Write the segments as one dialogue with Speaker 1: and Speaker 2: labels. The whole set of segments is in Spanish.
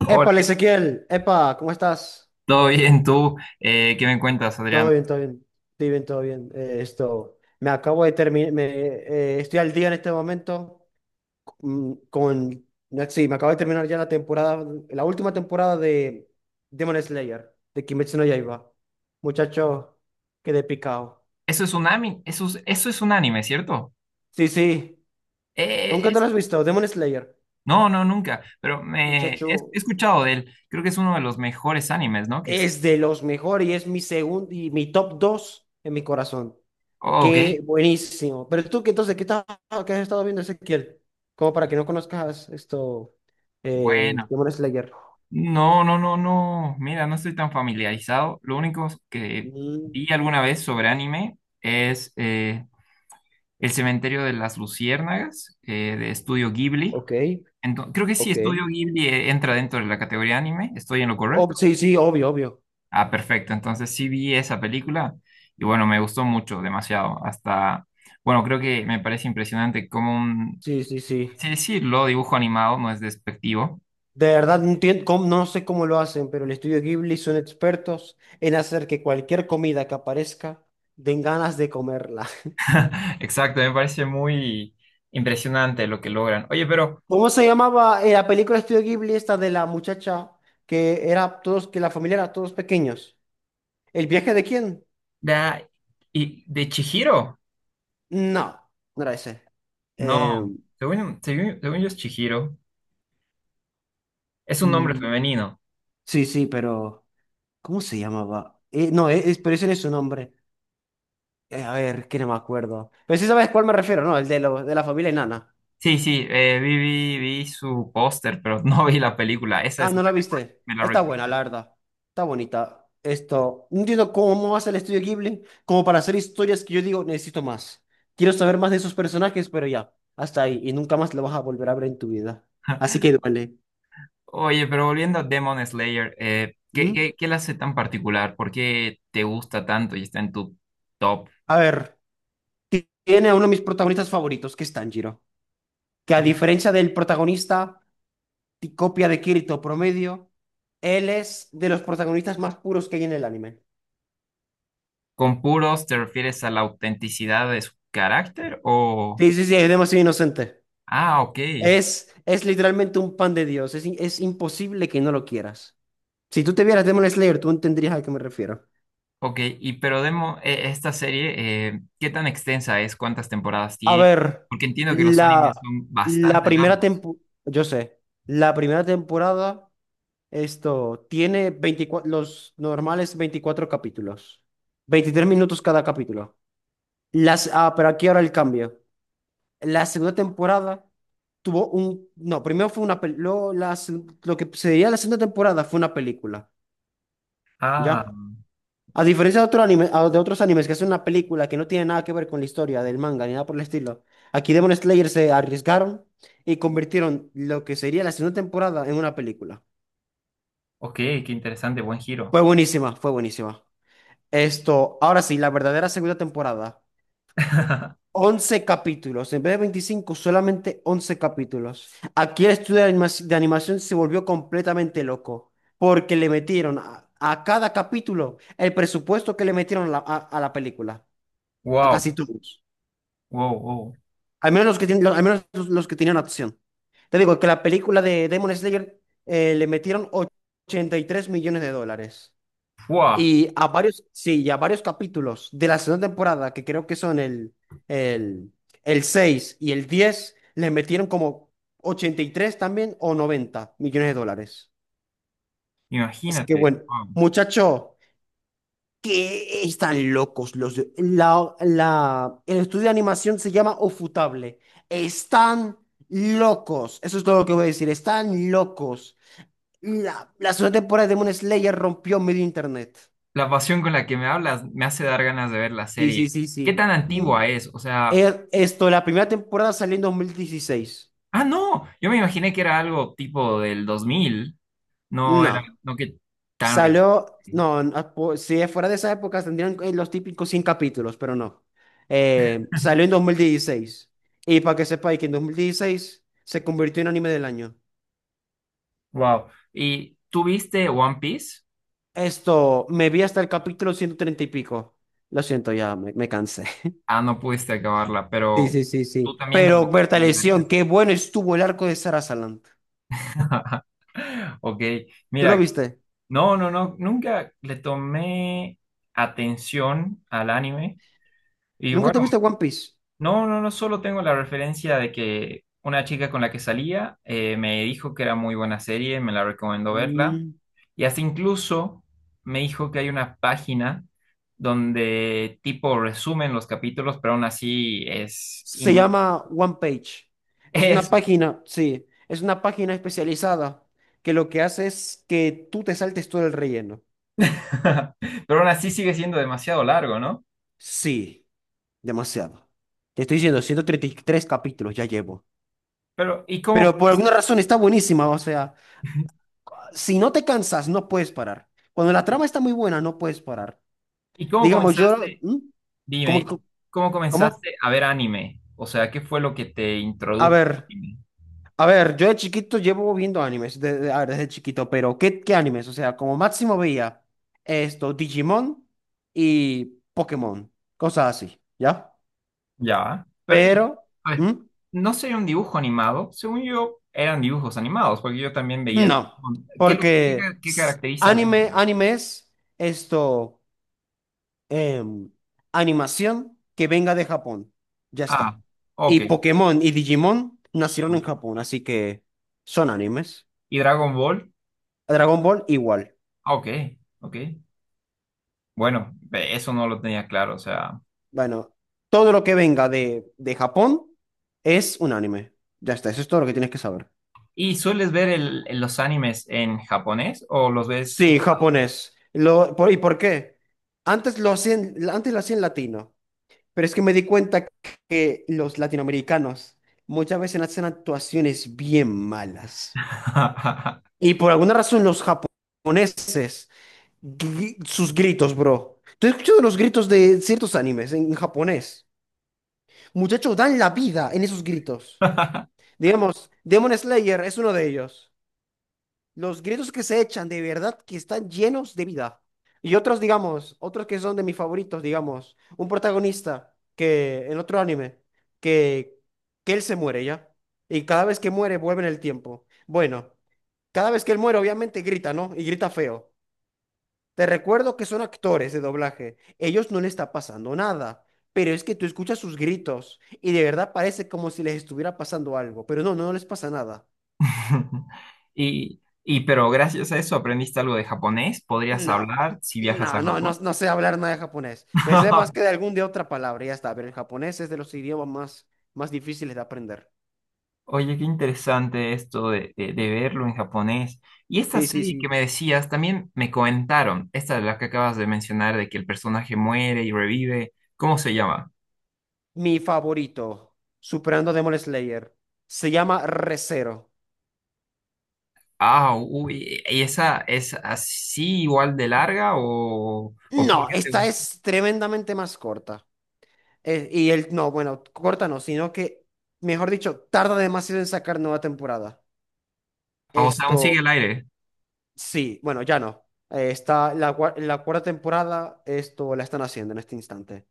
Speaker 1: Hola,
Speaker 2: Épale, Ezequiel, epa, ¿cómo estás?
Speaker 1: ¿todo bien tú? ¿Qué me cuentas,
Speaker 2: Todo
Speaker 1: Adrián?
Speaker 2: bien, todo bien, todo bien, todo bien. Esto, me acabo de terminar, estoy al día en este momento, con, no, sí, me acabo de terminar ya la temporada, la última temporada de Demon Slayer, de Kimetsu no Yaiba. Muchacho, quedé picado.
Speaker 1: Eso es un anime, eso es un anime, ¿cierto?
Speaker 2: Sí, sí,
Speaker 1: Eh,
Speaker 2: nunca te lo
Speaker 1: es-
Speaker 2: has visto, Demon Slayer.
Speaker 1: no, no, nunca, pero
Speaker 2: Muchacho,
Speaker 1: he escuchado de él. Creo que es uno de los mejores animes, ¿no? Que existe.
Speaker 2: es de los mejores y es mi segundo y mi top 2 en mi corazón.
Speaker 1: Ok,
Speaker 2: Qué buenísimo. Pero tú, ¿qué entonces, ¿qué, estás- ¿qué has estado viendo, Ezequiel? Como para que no conozcas esto,
Speaker 1: bueno.
Speaker 2: Demon Slayer.
Speaker 1: No, no, no, no. Mira, no estoy tan familiarizado. Lo único que
Speaker 2: Mm.
Speaker 1: vi alguna vez sobre anime es El Cementerio de las Luciérnagas, de Estudio Ghibli.
Speaker 2: Ok,
Speaker 1: Creo que sí, Estudio
Speaker 2: ok.
Speaker 1: Ghibli entra dentro de la categoría anime. ¿Estoy en lo correcto?
Speaker 2: Sí, sí, obvio, obvio.
Speaker 1: Ah, perfecto. Entonces sí vi esa película y bueno, me gustó mucho, demasiado. Hasta, bueno, creo que me parece impresionante como un,
Speaker 2: Sí, sí,
Speaker 1: por
Speaker 2: sí.
Speaker 1: así decirlo, dibujo animado, no es despectivo.
Speaker 2: De verdad, no sé cómo lo hacen, pero el estudio Ghibli son expertos en hacer que cualquier comida que aparezca den ganas de comerla.
Speaker 1: Exacto, me parece muy impresionante lo que logran. Oye, pero
Speaker 2: ¿Cómo se llamaba, la película de estudio Ghibli esta de la muchacha que era todos, que la familia era todos pequeños? ¿El viaje de quién?
Speaker 1: la, y, de Chihiro,
Speaker 2: No, no era ese. Eh,
Speaker 1: no, según yo es Chihiro, es un nombre
Speaker 2: mm,
Speaker 1: femenino.
Speaker 2: sí, sí, pero ¿cómo se llamaba? No, es, pero ese no es su nombre. A ver, que no me acuerdo. Pero sí sabes cuál me refiero, ¿no? El de, lo, de la familia enana.
Speaker 1: Sí, sí, vi su póster, pero no vi la película. Esa
Speaker 2: Ah,
Speaker 1: es,
Speaker 2: ¿no la viste?
Speaker 1: ¿me la
Speaker 2: Está buena, la
Speaker 1: recomiendas?
Speaker 2: verdad. Está bonita. Esto, no entiendo cómo hace el estudio Ghibli, como para hacer historias que yo digo, necesito más. Quiero saber más de esos personajes, pero ya, hasta ahí. Y nunca más lo vas a volver a ver en tu vida. Así que duele.
Speaker 1: Oye, pero volviendo a Demon Slayer,
Speaker 2: ¿Mm?
Speaker 1: ¿qué la hace tan particular? ¿Por qué te gusta tanto y está en tu top?
Speaker 2: A ver, tiene a uno de mis protagonistas favoritos, que es Tanjiro, que a
Speaker 1: De-
Speaker 2: diferencia del protagonista, copia de Kirito promedio, él es de los protagonistas más puros que hay en el anime.
Speaker 1: ¿Con puros te refieres a la autenticidad de su carácter o...?
Speaker 2: Sí, sí, sí, es demasiado inocente.
Speaker 1: Ah, ok,
Speaker 2: Es literalmente un pan de Dios. Es imposible que no lo quieras. Si tú te vieras Demon Slayer, tú entenderías a qué me refiero.
Speaker 1: ok. Y pero Demon, esta serie, ¿qué tan extensa es? ¿Cuántas temporadas
Speaker 2: A
Speaker 1: tiene?
Speaker 2: ver,
Speaker 1: Porque entiendo que los animes
Speaker 2: la,
Speaker 1: son
Speaker 2: la
Speaker 1: bastante
Speaker 2: primera
Speaker 1: largos.
Speaker 2: temporada, yo sé, la primera temporada, esto, tiene 24, los normales 24 capítulos, 23 minutos cada capítulo. Las, ah, pero aquí ahora el cambio. La segunda temporada No, primero fue una película. Lo que se veía la segunda temporada fue una película,
Speaker 1: Ah,
Speaker 2: ¿ya? A diferencia de otro anime, de otros animes que es una película que no tiene nada que ver con la historia del manga ni nada por el estilo, aquí Demon Slayer se arriesgaron y convirtieron lo que sería la segunda temporada en una película.
Speaker 1: ok, qué interesante, buen giro.
Speaker 2: Fue buenísima, fue buenísima. Esto, ahora sí, la verdadera segunda temporada. 11 capítulos, en vez de 25, solamente 11 capítulos. Aquí el estudio de de animación se volvió completamente loco, porque le metieron a cada capítulo el presupuesto que le metieron a la, a la película, a
Speaker 1: Wow,
Speaker 2: casi todos.
Speaker 1: wow, wow.
Speaker 2: Al menos los que, al menos los que tenían acción. Te digo que la película de Demon Slayer, le metieron 83 millones de dólares.
Speaker 1: Fua,
Speaker 2: Y a varios, sí, y a varios capítulos de la segunda temporada, que creo que son el, el 6 y el diez, le metieron como 83 también o 90 millones de dólares. Así que
Speaker 1: imagínate.
Speaker 2: bueno, muchacho, que están locos los de- la, el estudio de animación se llama Ofutable. Están locos. Eso es todo lo que voy a decir. Están locos. La segunda temporada de Demon Slayer rompió medio internet.
Speaker 1: La pasión con la que me hablas me hace dar ganas de ver la
Speaker 2: Sí, sí,
Speaker 1: serie.
Speaker 2: sí,
Speaker 1: ¿Qué
Speaker 2: sí.
Speaker 1: tan antigua es? O sea,
Speaker 2: Esto, la primera temporada salió en 2016.
Speaker 1: ah, no, yo me imaginé que era algo tipo del 2000. No era,
Speaker 2: No,
Speaker 1: no que tan reciente.
Speaker 2: salió, no, no, po- si fuera de esa época tendrían, los típicos 100 capítulos, pero no. Salió en 2016. Y para que sepáis que en 2016 se convirtió en anime del año.
Speaker 1: Wow. ¿Y tú viste One Piece?
Speaker 2: Esto, me vi hasta el capítulo 130 y pico. Lo siento, ya me cansé.
Speaker 1: Ah, no pudiste acabarla,
Speaker 2: Sí,
Speaker 1: pero
Speaker 2: sí, sí,
Speaker 1: tú
Speaker 2: sí.
Speaker 1: también la
Speaker 2: Pero Berta Lesión,
Speaker 1: recomendarías.
Speaker 2: qué bueno estuvo el arco de Sarasaland.
Speaker 1: Ok,
Speaker 2: ¿Tú lo
Speaker 1: mira,
Speaker 2: viste?
Speaker 1: no, no, no, nunca le tomé atención al anime. Y
Speaker 2: ¿Nunca
Speaker 1: bueno,
Speaker 2: te viste One Piece?
Speaker 1: no, no, no solo tengo la referencia de que una chica con la que salía me dijo que era muy buena serie, me la recomendó verla
Speaker 2: Mm.
Speaker 1: y hasta incluso me dijo que hay una página donde tipo resumen los capítulos, pero aún así
Speaker 2: Se llama One Page. Es
Speaker 1: es,
Speaker 2: una página, sí, es una página especializada que lo que hace es que tú te saltes todo el relleno.
Speaker 1: pero aún así sigue siendo demasiado largo, ¿no?
Speaker 2: Sí, demasiado. Te estoy diciendo, 133 capítulos ya llevo.
Speaker 1: Pero ¿y cómo
Speaker 2: Pero por alguna
Speaker 1: comenzaste?
Speaker 2: razón está buenísima, o sea, si no te cansas, no puedes parar. Cuando la trama está muy buena, no puedes parar.
Speaker 1: ¿Y cómo
Speaker 2: Digamos,
Speaker 1: comenzaste?
Speaker 2: ¿Mm? ¿Cómo?
Speaker 1: Dime, ¿cómo
Speaker 2: ¿Cómo?
Speaker 1: comenzaste a ver anime? O sea, ¿qué fue lo que te
Speaker 2: A
Speaker 1: introdujo al
Speaker 2: ver.
Speaker 1: anime?
Speaker 2: A ver, yo de chiquito llevo viendo animes, a ver, desde chiquito, pero ¿qué animes? O sea, como máximo veía esto, Digimon y Pokémon, cosas así, ¿ya?
Speaker 1: Ya. Pero, y,
Speaker 2: Pero,
Speaker 1: a ver,
Speaker 2: ¿mm?
Speaker 1: no sería un dibujo animado. Según yo, eran dibujos animados, porque yo también veía.
Speaker 2: No,
Speaker 1: ¿Qué, lo- qué, ca- ¿Qué caracteriza al
Speaker 2: anime,
Speaker 1: anime?
Speaker 2: animes, esto, em, animación que venga de Japón, ya
Speaker 1: Ah,
Speaker 2: está.
Speaker 1: ok.
Speaker 2: Y Pokémon y Digimon nacieron en Japón, así que son animes.
Speaker 1: ¿Y Dragon Ball?
Speaker 2: Dragon Ball igual.
Speaker 1: Ah, ok, ok. Bueno, ve, eso no lo tenía claro, o sea.
Speaker 2: Bueno, todo lo que venga de Japón es un anime. Ya está, eso es todo lo que tienes que saber.
Speaker 1: ¿Y sueles ver los animes en japonés o los ves?
Speaker 2: Sí, japonés. ¿Y por qué? Antes lo hacían latino, pero es que me di cuenta que los latinoamericanos muchas veces hacen actuaciones bien malas. Y por alguna razón los japoneses, sus gritos, bro. ¿Tú has escuchado los gritos de ciertos animes en japonés? Muchachos, dan la vida en esos gritos. Digamos, Demon Slayer es uno de ellos. Los gritos que se echan de verdad que están llenos de vida. Y otros, digamos, otros que son de mis favoritos, digamos, un protagonista que en otro anime, que, que él se muere ya. Y cada vez que muere vuelve en el tiempo. Bueno, cada vez que él muere obviamente grita, ¿no? Y grita feo. Te recuerdo que son actores de doblaje. Ellos no les está pasando nada. Pero es que tú escuchas sus gritos y de verdad parece como si les estuviera pasando algo. Pero no, no les pasa nada.
Speaker 1: Y pero gracias a eso aprendiste algo de japonés, ¿podrías
Speaker 2: No,
Speaker 1: hablar si viajas
Speaker 2: no,
Speaker 1: a
Speaker 2: no, no,
Speaker 1: Japón?
Speaker 2: no sé hablar nada de japonés. Me sé más que de algún de otra palabra, ya está. Pero el japonés es de los idiomas más difíciles de aprender.
Speaker 1: Oye, qué interesante esto de verlo en japonés. Y esta
Speaker 2: Sí, sí,
Speaker 1: serie que
Speaker 2: sí.
Speaker 1: me decías, también me comentaron, esta de la que acabas de mencionar, de que el personaje muere y revive. ¿Cómo se llama?
Speaker 2: Mi favorito, superando Demon Slayer, se llama Re:Zero.
Speaker 1: Ah, uy, ¿y esa es así igual de larga o por
Speaker 2: No,
Speaker 1: qué te
Speaker 2: esta
Speaker 1: gusta?
Speaker 2: es tremendamente más corta. Y el, no, bueno, corta no, sino que, mejor dicho, tarda demasiado en sacar nueva temporada.
Speaker 1: Ah, o sea, aún sigue
Speaker 2: Esto,
Speaker 1: el aire.
Speaker 2: sí, bueno, ya no. Está la, la cuarta temporada, esto la están haciendo en este instante.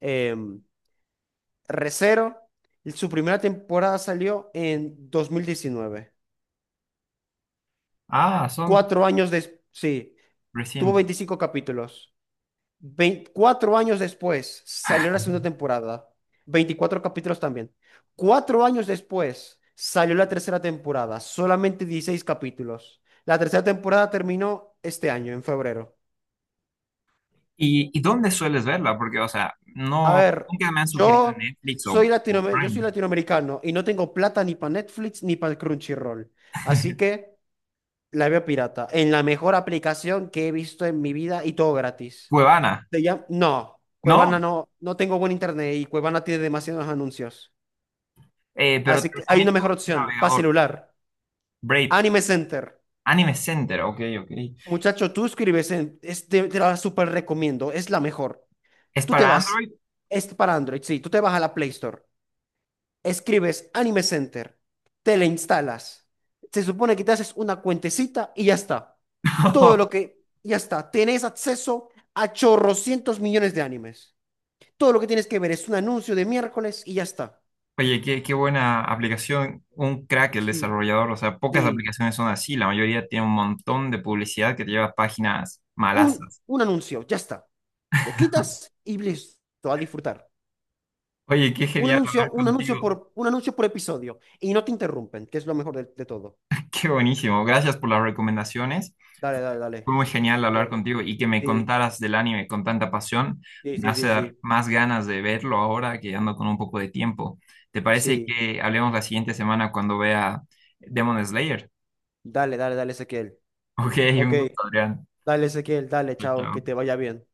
Speaker 2: Em, Re:Zero, su primera temporada salió en 2019.
Speaker 1: Ah, son
Speaker 2: 4 años después, sí, tuvo
Speaker 1: recientes.
Speaker 2: 25 capítulos. 4 años después salió la segunda temporada. 24 capítulos también. 4 años después salió la tercera temporada, solamente 16 capítulos. La tercera temporada terminó este año, en febrero.
Speaker 1: Y dónde sueles verla? Porque, o sea,
Speaker 2: A
Speaker 1: no,
Speaker 2: ver,
Speaker 1: nunca me han sugerido
Speaker 2: yo
Speaker 1: Netflix
Speaker 2: soy
Speaker 1: o
Speaker 2: latino, yo soy
Speaker 1: Prime.
Speaker 2: latinoamericano y no tengo plata ni para Netflix ni para Crunchyroll. Así que... La veo pirata. En la mejor aplicación que he visto en mi vida y todo gratis.
Speaker 1: Cuevana,
Speaker 2: No, Cuevana
Speaker 1: ¿no?
Speaker 2: no, no tengo buen internet y Cuevana tiene demasiados anuncios.
Speaker 1: Pero te
Speaker 2: Así que hay una
Speaker 1: recomiendo
Speaker 2: mejor
Speaker 1: un
Speaker 2: opción, para
Speaker 1: navegador.
Speaker 2: celular.
Speaker 1: Braid,
Speaker 2: Anime Center.
Speaker 1: Anime Center, ok, ok.
Speaker 2: Muchacho, tú escribes te la súper recomiendo, es la mejor.
Speaker 1: ¿Es
Speaker 2: Tú te
Speaker 1: para
Speaker 2: vas,
Speaker 1: Android?
Speaker 2: es para Android, sí, tú te vas a la Play Store, escribes Anime Center, te la instalas. Se supone que te haces una cuentecita y ya está. Todo lo que, ya está, tenés acceso a chorrocientos millones de animes. Todo lo que tienes que ver es un anuncio de miércoles y ya está.
Speaker 1: Oye, qué, qué buena aplicación, un crack el
Speaker 2: Sí,
Speaker 1: desarrollador, o sea, pocas
Speaker 2: sí.
Speaker 1: aplicaciones son así, la mayoría tiene un montón de publicidad que te lleva a páginas malasas.
Speaker 2: Un anuncio, ya está. Lo quitas y listo, a disfrutar.
Speaker 1: Oye, qué
Speaker 2: Un
Speaker 1: genial
Speaker 2: anuncio,
Speaker 1: hablar contigo,
Speaker 2: un anuncio por episodio. Y no te interrumpen, que es lo mejor de todo.
Speaker 1: qué buenísimo, gracias por las recomendaciones,
Speaker 2: Dale, dale, dale.
Speaker 1: fue muy genial
Speaker 2: Ok,
Speaker 1: hablar contigo y que me
Speaker 2: sí,
Speaker 1: contaras del anime con tanta pasión,
Speaker 2: sí,
Speaker 1: me
Speaker 2: sí,
Speaker 1: hace
Speaker 2: sí,
Speaker 1: dar
Speaker 2: sí.
Speaker 1: más ganas de verlo ahora que ando con un poco de tiempo. ¿Te parece
Speaker 2: Sí.
Speaker 1: que hablemos la siguiente semana cuando vea Demon Slayer?
Speaker 2: Dale, dale, dale, Ezequiel.
Speaker 1: Ok,
Speaker 2: Ok,
Speaker 1: un gusto, Adrián.
Speaker 2: dale, Ezequiel, dale,
Speaker 1: Chao,
Speaker 2: chao,
Speaker 1: chao.
Speaker 2: que te vaya bien.